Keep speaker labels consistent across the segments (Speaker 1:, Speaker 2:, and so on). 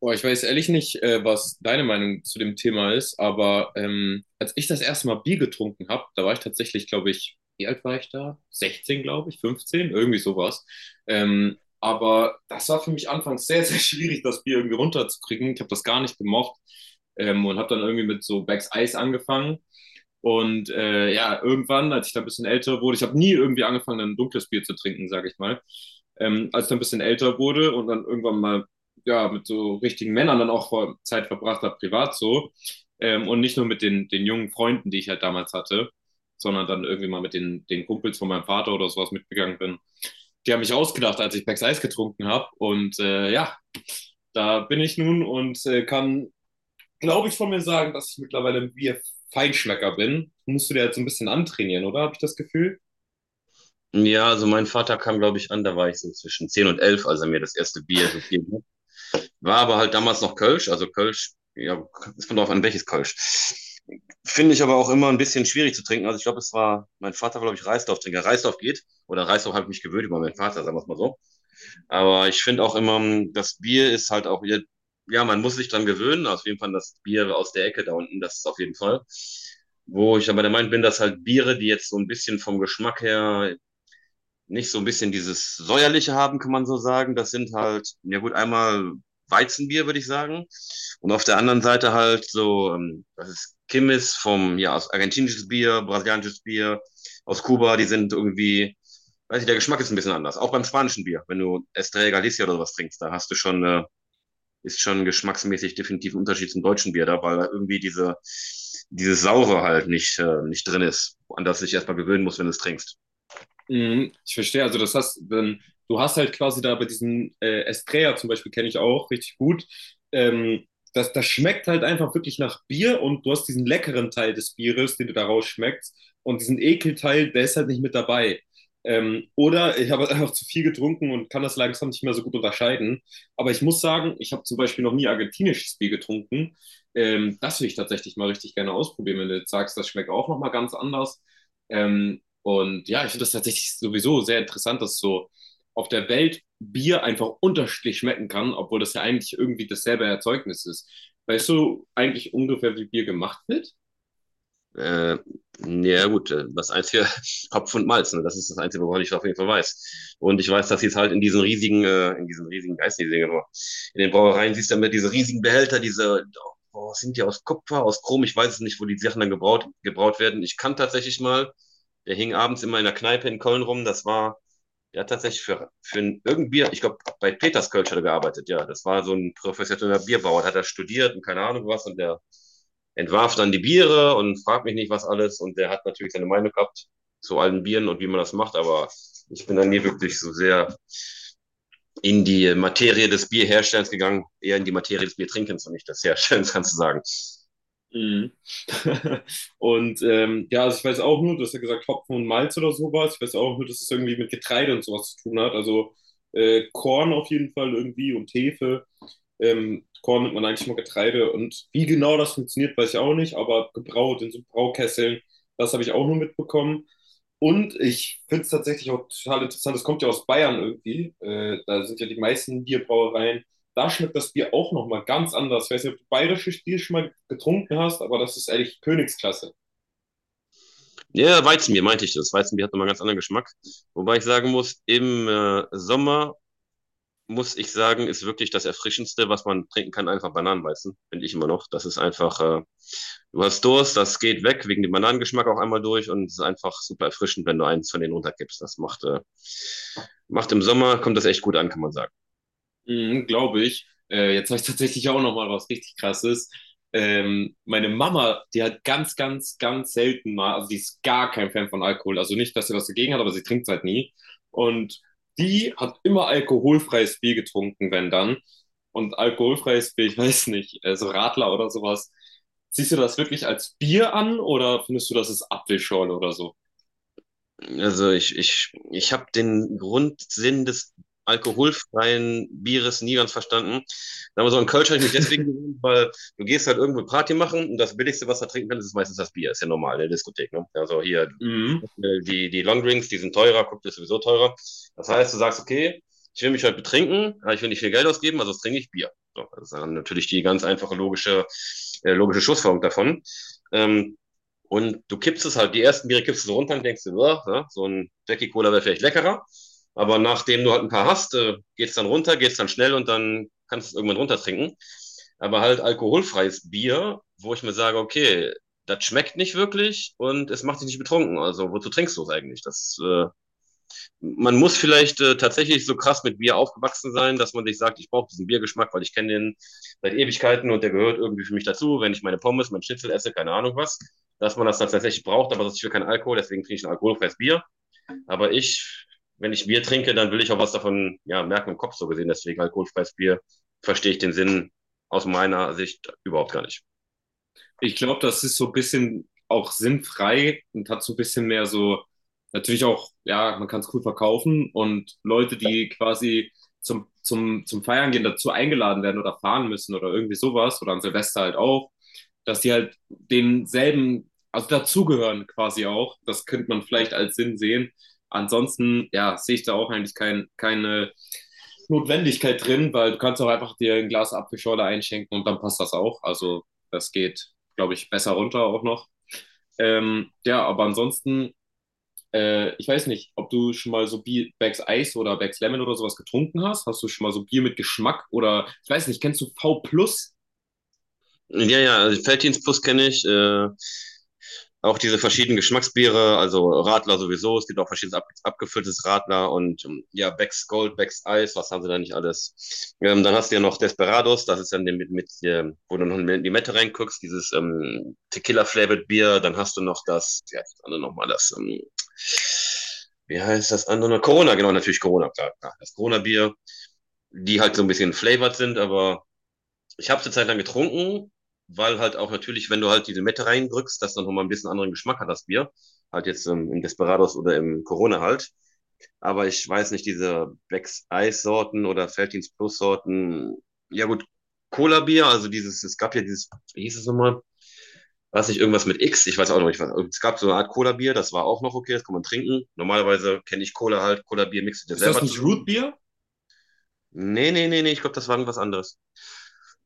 Speaker 1: Boah, ich weiß ehrlich nicht, was deine Meinung zu dem Thema ist, aber als ich das erste Mal Bier getrunken habe, da war ich tatsächlich, glaube ich, wie alt war ich da? 16, glaube ich, 15, irgendwie sowas. Aber das war für mich anfangs sehr, sehr schwierig, das Bier irgendwie runterzukriegen. Ich habe das gar nicht gemocht, und habe dann irgendwie mit so Beck's Eis angefangen. Und ja, irgendwann, als ich da ein bisschen älter wurde, ich habe nie irgendwie angefangen, ein dunkles Bier zu trinken, sage ich mal. Als ich dann ein bisschen älter wurde und dann irgendwann mal ja, mit so richtigen Männern dann auch vor Zeit verbracht habe, privat so. Und nicht nur mit den jungen Freunden, die ich halt damals hatte, sondern dann irgendwie mal mit den Kumpels von meinem Vater oder sowas mitgegangen bin. Die haben mich ausgedacht, als ich Becks Eis getrunken habe. Und ja, da bin ich nun und kann, glaube ich, von mir sagen, dass ich mittlerweile ein Bier-Feinschmecker bin. Musst du dir jetzt so ein bisschen antrainieren, oder? Habe ich das Gefühl?
Speaker 2: Ja, also mein Vater kam, glaube ich, an, da war ich so zwischen 10 und 11, als er mir das erste Bier gegeben hat. War aber halt damals noch Kölsch, also Kölsch, ja, es kommt darauf an, welches Kölsch. Finde ich aber auch immer ein bisschen schwierig zu trinken. Also ich glaube, mein Vater war, glaube ich, Reisdorf-Trinker. Reisdorf geht, oder Reisdorf habe ich mich gewöhnt über meinen Vater, sagen wir es mal so. Aber ich finde auch immer, das Bier ist halt auch wieder, ja, man muss sich dran gewöhnen, auf jeden Fall das Bier aus der Ecke da unten, das ist auf jeden Fall. Wo ich aber der Meinung bin, dass halt Biere, die jetzt so ein bisschen vom Geschmack her nicht so ein bisschen dieses säuerliche haben, kann man so sagen. Das sind halt, ja gut, einmal Weizenbier, würde ich sagen. Und auf der anderen Seite halt so, das ist Kimmis vom, ja, aus argentinisches Bier, brasilianisches Bier, aus Kuba, die sind irgendwie, weiß ich, der Geschmack ist ein bisschen anders. Auch beim spanischen Bier, wenn du Estrella Galicia oder was trinkst, da hast du schon, ist schon geschmacksmäßig definitiv ein Unterschied zum deutschen Bier da, weil da irgendwie diese, dieses Saure halt nicht, nicht drin ist, an das du dich erstmal gewöhnen musst, wenn du es trinkst.
Speaker 1: Mhm, ich verstehe, also das hast, dann, du hast halt quasi da bei diesem Estrella zum Beispiel, kenne ich auch richtig gut, ähm, das schmeckt halt einfach wirklich nach Bier und du hast diesen leckeren Teil des Bieres, den du da rausschmeckst und diesen Ekelteil, der ist halt nicht mit dabei. Oder ich habe einfach zu viel getrunken und kann das langsam nicht mehr so gut unterscheiden. Aber ich muss sagen, ich habe zum Beispiel noch nie argentinisches Bier getrunken. Das will ich tatsächlich mal richtig gerne ausprobieren, wenn du jetzt sagst, das schmeckt auch nochmal ganz anders. Ähm, und ja, ich finde das tatsächlich sowieso sehr interessant, dass so auf der Welt Bier einfach unterschiedlich schmecken kann, obwohl das ja eigentlich irgendwie dasselbe Erzeugnis ist. Weißt du eigentlich ungefähr, wie Bier gemacht wird?
Speaker 2: Äh, ja, gut, das einzige Kopf und Malz, ne? Das ist das Einzige, woran ich auf jeden Fall weiß. Und ich weiß, dass sie es halt in diesen riesigen, weiß in den Brauereien siehst du ja immer diese riesigen Behälter, diese, oh, sind die aus Kupfer, aus Chrom, ich weiß es nicht, wo die Sachen dann gebraut werden. Ich kann tatsächlich mal, der hing abends immer in der Kneipe in Köln rum, das war der hat tatsächlich für irgendein Bier, ich glaube, bei Peterskölsch hat er gearbeitet, ja. Das war so ein professioneller Bierbauer, hat er studiert und keine Ahnung was, und der entwarf dann die Biere und fragt mich nicht was alles, und der hat natürlich seine Meinung gehabt zu allen Bieren und wie man das macht, aber ich bin dann nie wirklich so sehr in die Materie des Bierherstellens gegangen, eher in die Materie des Biertrinkens und nicht des Herstellens, kannst du sagen.
Speaker 1: Mhm. Und ja, also ich weiß auch nur, du hast ja gesagt Hopfen und Malz oder sowas. Ich weiß auch nur, dass es irgendwie mit Getreide und sowas zu tun hat. Also Korn auf jeden Fall irgendwie und Hefe. Korn nimmt man eigentlich nur Getreide. Und wie genau das funktioniert, weiß ich auch nicht. Aber gebraut in so Braukesseln, das habe ich auch nur mitbekommen. Und ich finde es tatsächlich auch total interessant, das kommt ja aus Bayern irgendwie. Da sind ja die meisten Bierbrauereien, da schmeckt das Bier auch nochmal ganz anders. Ich weiß nicht, ob du bayerisches Bier schon mal getrunken hast, aber das ist ehrlich Königsklasse.
Speaker 2: Ja, Weizenbier meinte ich das. Weizenbier hat nochmal einen ganz anderen Geschmack. Wobei ich sagen muss, im Sommer muss ich sagen, ist wirklich das Erfrischendste, was man trinken kann, einfach Bananenweizen, finde ich immer noch. Das ist einfach, du hast Durst, das geht weg, wegen dem Bananengeschmack auch einmal durch und es ist einfach super erfrischend, wenn du eins von denen runterkippst. Das macht im Sommer, kommt das echt gut an, kann man sagen.
Speaker 1: Mhm, glaube ich. Jetzt habe ich tatsächlich auch noch mal was richtig Krasses. Meine Mama, die hat ganz, ganz, ganz selten mal, also die ist gar kein Fan von Alkohol. Also nicht, dass sie was dagegen hat, aber sie trinkt es halt nie. Und die hat immer alkoholfreies Bier getrunken, wenn dann. Und alkoholfreies Bier, ich weiß nicht, so Radler oder sowas. Siehst du das wirklich als Bier an oder findest du, das ist Apfelschorle oder so?
Speaker 2: Also ich habe den Grundsinn des alkoholfreien Bieres nie ganz verstanden. Sagen wir so, in Kölsch habe ich mich deswegen gewöhnt, weil du gehst halt irgendwo Party machen und das Billigste, was du da trinken kannst, ist meistens das Bier. Ist ja normal in der Diskothek. Ne? Also hier
Speaker 1: Mhm.
Speaker 2: die Longdrinks, die sind teurer, Cocktail ist sowieso teurer. Das heißt, du sagst, okay, ich will mich heute betrinken, aber ich will nicht viel Geld ausgeben, also trinke ich Bier. So, das ist dann natürlich die ganz einfache logische Schlussfolgerung davon. Ähm, und du kippst es halt, die ersten Biere kippst du so runter und denkst dir, ja, so ein Jackie Cola wäre vielleicht leckerer. Aber nachdem du halt ein paar hast, geht's dann runter, geht's dann schnell und dann kannst du es irgendwann runtertrinken. Aber halt alkoholfreies Bier, wo ich mir sage, okay, das schmeckt nicht wirklich und es macht dich nicht betrunken. Also wozu trinkst du es eigentlich? Das Man muss vielleicht tatsächlich so krass mit Bier aufgewachsen sein, dass man sich sagt, ich brauche diesen Biergeschmack, weil ich kenne den seit Ewigkeiten und der gehört irgendwie für mich dazu, wenn ich meine Pommes, mein Schnitzel esse, keine Ahnung was, dass man das dann tatsächlich braucht, aber ich will keinen Alkohol, deswegen trinke ich ein alkoholfreies Bier. Aber ich, wenn ich Bier trinke, dann will ich auch was davon ja, merken im Kopf so gesehen, deswegen alkoholfreies Bier verstehe ich den Sinn aus meiner Sicht überhaupt gar nicht.
Speaker 1: Ich glaube, das ist so ein bisschen auch sinnfrei und hat so ein bisschen mehr so, natürlich auch, ja, man kann es cool verkaufen und Leute, die quasi zum Feiern gehen, dazu eingeladen werden oder fahren müssen oder irgendwie sowas oder an Silvester halt auch, dass die halt denselben, also dazugehören quasi auch. Das könnte man vielleicht als Sinn sehen. Ansonsten, ja, sehe ich da auch eigentlich kein, keine Notwendigkeit drin, weil du kannst auch einfach dir ein Glas Apfelschorle einschenken und dann passt das auch. Also das geht, glaube ich, besser runter auch noch. Ja, aber ansonsten, ich weiß nicht, ob du schon mal so Bier, Bags Eis oder Bags Lemon oder sowas getrunken hast. Hast du schon mal so Bier mit Geschmack oder, ich weiß nicht, kennst du V Plus?
Speaker 2: Ja, ja, also Felddienstbus kenne ich. Auch diese verschiedenen Geschmacksbiere, also Radler sowieso, es gibt auch verschiedenes abgefülltes Radler und ja, Becks Gold, Becks Eis, was haben sie da nicht alles. Dann hast du ja noch Desperados, das ist dann mit, wo du noch in die Mette reinguckst, dieses Tequila-flavored Bier, dann hast du noch das, ja, das andere nochmal, das, wie heißt das andere? Corona, genau, natürlich Corona, klar, klar. Das Corona-Bier, die halt so ein bisschen flavored sind, aber ich habe es eine Zeit lang getrunken, weil halt auch natürlich, wenn du halt diese Mette reindrückst, das dann nochmal ein bisschen anderen Geschmack hat, das Bier. Halt jetzt im Desperados oder im Corona halt. Aber ich weiß nicht, diese Black's Ice Sorten oder Feltins Plus Sorten. Ja gut, Cola Bier, also dieses, es gab ja dieses, wie hieß es nochmal? Weiß nicht, irgendwas mit X, ich weiß auch noch nicht, was. Es gab so eine Art Cola Bier, das war auch noch okay, das kann man trinken. Normalerweise kenne ich Cola halt, Cola Bier mixt du dir
Speaker 1: Ist das
Speaker 2: selber
Speaker 1: nicht Root
Speaker 2: zusammen.
Speaker 1: Beer?
Speaker 2: Nee, nee, nee, nee, ich glaube, das war irgendwas anderes.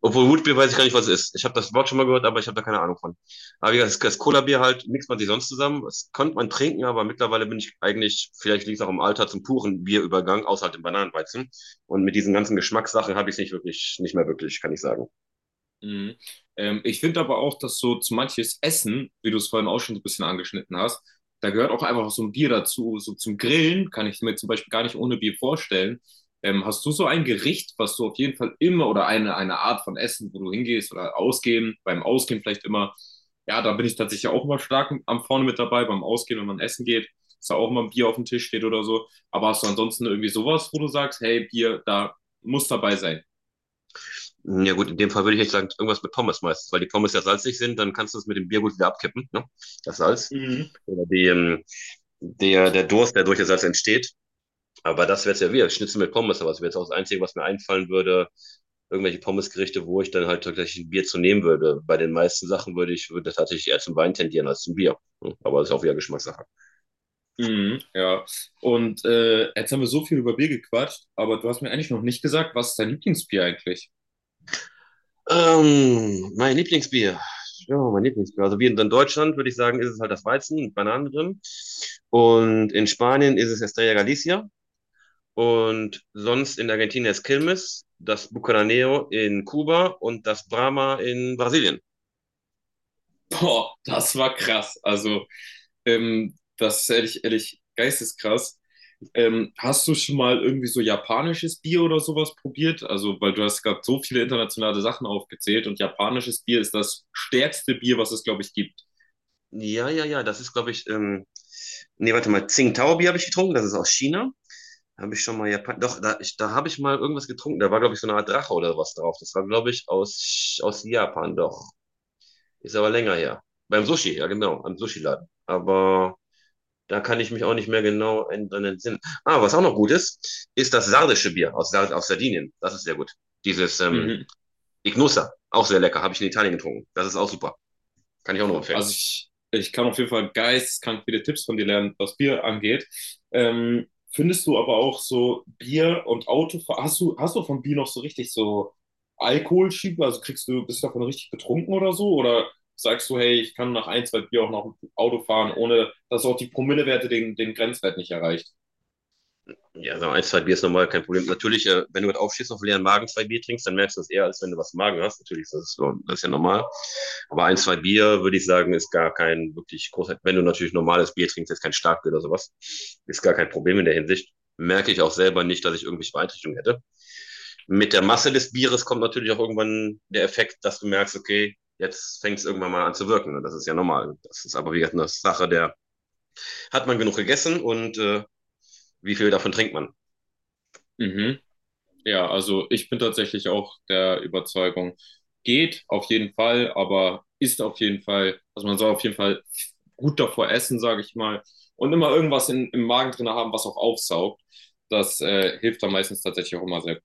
Speaker 2: Obwohl Rootbier weiß ich gar nicht, was es ist. Ich habe das Wort schon mal gehört, aber ich habe da keine Ahnung von. Aber wie gesagt, das Cola-Bier halt mixt man sich sonst zusammen. Das konnte man trinken, aber mittlerweile bin ich eigentlich, vielleicht liegt es auch im Alter, zum puren Bierübergang, außer halt dem Bananenweizen. Und mit diesen ganzen Geschmackssachen habe ich es nicht wirklich, nicht mehr wirklich, kann ich sagen.
Speaker 1: Mhm. Ich finde aber auch, dass so zu manches Essen, wie du es vorhin auch schon so ein bisschen angeschnitten hast, da gehört auch einfach so ein Bier dazu. So zum Grillen kann ich mir zum Beispiel gar nicht ohne Bier vorstellen. Hast du so ein Gericht, was du auf jeden Fall immer oder eine Art von Essen, wo du hingehst oder ausgehen, beim Ausgehen vielleicht immer? Ja, da bin ich tatsächlich auch immer stark am vorne mit dabei, beim Ausgehen, wenn man essen geht, dass da auch immer ein Bier auf dem Tisch steht oder so. Aber hast du ansonsten irgendwie sowas, wo du sagst, hey, Bier, da muss dabei sein?
Speaker 2: Ja gut, in dem Fall würde ich echt sagen, irgendwas mit Pommes meistens, weil die Pommes ja salzig sind, dann kannst du es mit dem Bier gut wieder abkippen, ne? Das Salz.
Speaker 1: Mhm.
Speaker 2: Oder der Durst, der durch das Salz entsteht. Aber das wäre es ja wieder, Schnitzel mit Pommes, aber das wäre jetzt auch das Einzige, was mir einfallen würde, irgendwelche Pommesgerichte, wo ich dann halt tatsächlich ein Bier zu nehmen würde. Bei den meisten Sachen würde ich würde tatsächlich eher zum Wein tendieren als zum Bier. Hm. Aber das ist auch wieder Geschmackssache.
Speaker 1: Mhm, ja. Und jetzt haben wir so viel über Bier gequatscht, aber du hast mir eigentlich noch nicht gesagt, was ist dein Lieblingsbier eigentlich?
Speaker 2: Mein Lieblingsbier. Ja, mein Lieblingsbier. Also wie in Deutschland würde ich sagen, ist es halt das Weizen mit Bananen drin. Und in Spanien ist es Estrella Galicia. Und sonst in Argentinien ist Quilmes, das Bucanero in Kuba und das Brahma in Brasilien.
Speaker 1: Boah, das war krass. Also, das ist ehrlich, ehrlich, geisteskrass. Hast du schon mal irgendwie so japanisches Bier oder sowas probiert? Also, weil du hast gerade so viele internationale Sachen aufgezählt und japanisches Bier ist das stärkste Bier, was es, glaube ich, gibt.
Speaker 2: Ja, ja, ja, das ist, glaube ich, nee, warte mal, Tsingtao-Bier habe ich getrunken, das ist aus China. Habe ich schon mal Japan, doch, da, ich, da habe ich mal irgendwas getrunken, da war, glaube ich, so eine Art Drache oder was drauf. Das war, glaube ich, aus, aus Japan, doch. Ist aber länger her. Beim Sushi, ja, genau, am Sushi-Laden. Aber da kann ich mich auch nicht mehr genau dran entsinnen. Ah, was auch noch gut ist, ist das sardische Bier aus Sardinien. Das ist sehr gut. Dieses
Speaker 1: Mhm.
Speaker 2: Ignusa, auch sehr lecker, habe ich in Italien getrunken. Das ist auch super. Kann ich auch nur empfehlen.
Speaker 1: Also ich kann auf jeden Fall geisteskrank viele Tipps von dir lernen, was Bier angeht. Findest du aber auch so Bier und Auto, hast du von Bier noch so richtig so Alkoholschiebe? Also kriegst du, bist du davon richtig betrunken oder so? Oder sagst du, hey, ich kann nach ein, zwei Bier auch noch Auto fahren, ohne dass auch die Promillewerte den Grenzwert nicht erreicht?
Speaker 2: Ja, so ein, zwei Bier ist normal, kein Problem. Natürlich, wenn du gerade aufstehst, auf leeren Magen zwei Bier trinkst, dann merkst du es eher, als wenn du was im Magen hast. Natürlich, das ist, das ist ja normal. Aber ein, zwei Bier, würde ich sagen, ist gar kein wirklich großer, wenn du natürlich normales Bier trinkst, jetzt kein Starkbier oder sowas, ist gar kein Problem in der Hinsicht. Merke ich auch selber nicht, dass ich irgendwelche Beeinträchtigungen hätte. Mit der Masse des Bieres kommt natürlich auch irgendwann der Effekt, dass du merkst, okay, jetzt fängt es irgendwann mal an zu wirken. Und das ist ja normal. Das ist aber wie gesagt eine Sache der, hat man genug gegessen und wie viel davon trinkt man?
Speaker 1: Mhm. Ja, also ich bin tatsächlich auch der Überzeugung, geht auf jeden Fall, aber ist auf jeden Fall, also man soll auf jeden Fall gut davor essen, sage ich mal, und immer irgendwas in, im Magen drin haben, was auch aufsaugt. Das hilft dann meistens tatsächlich auch immer sehr.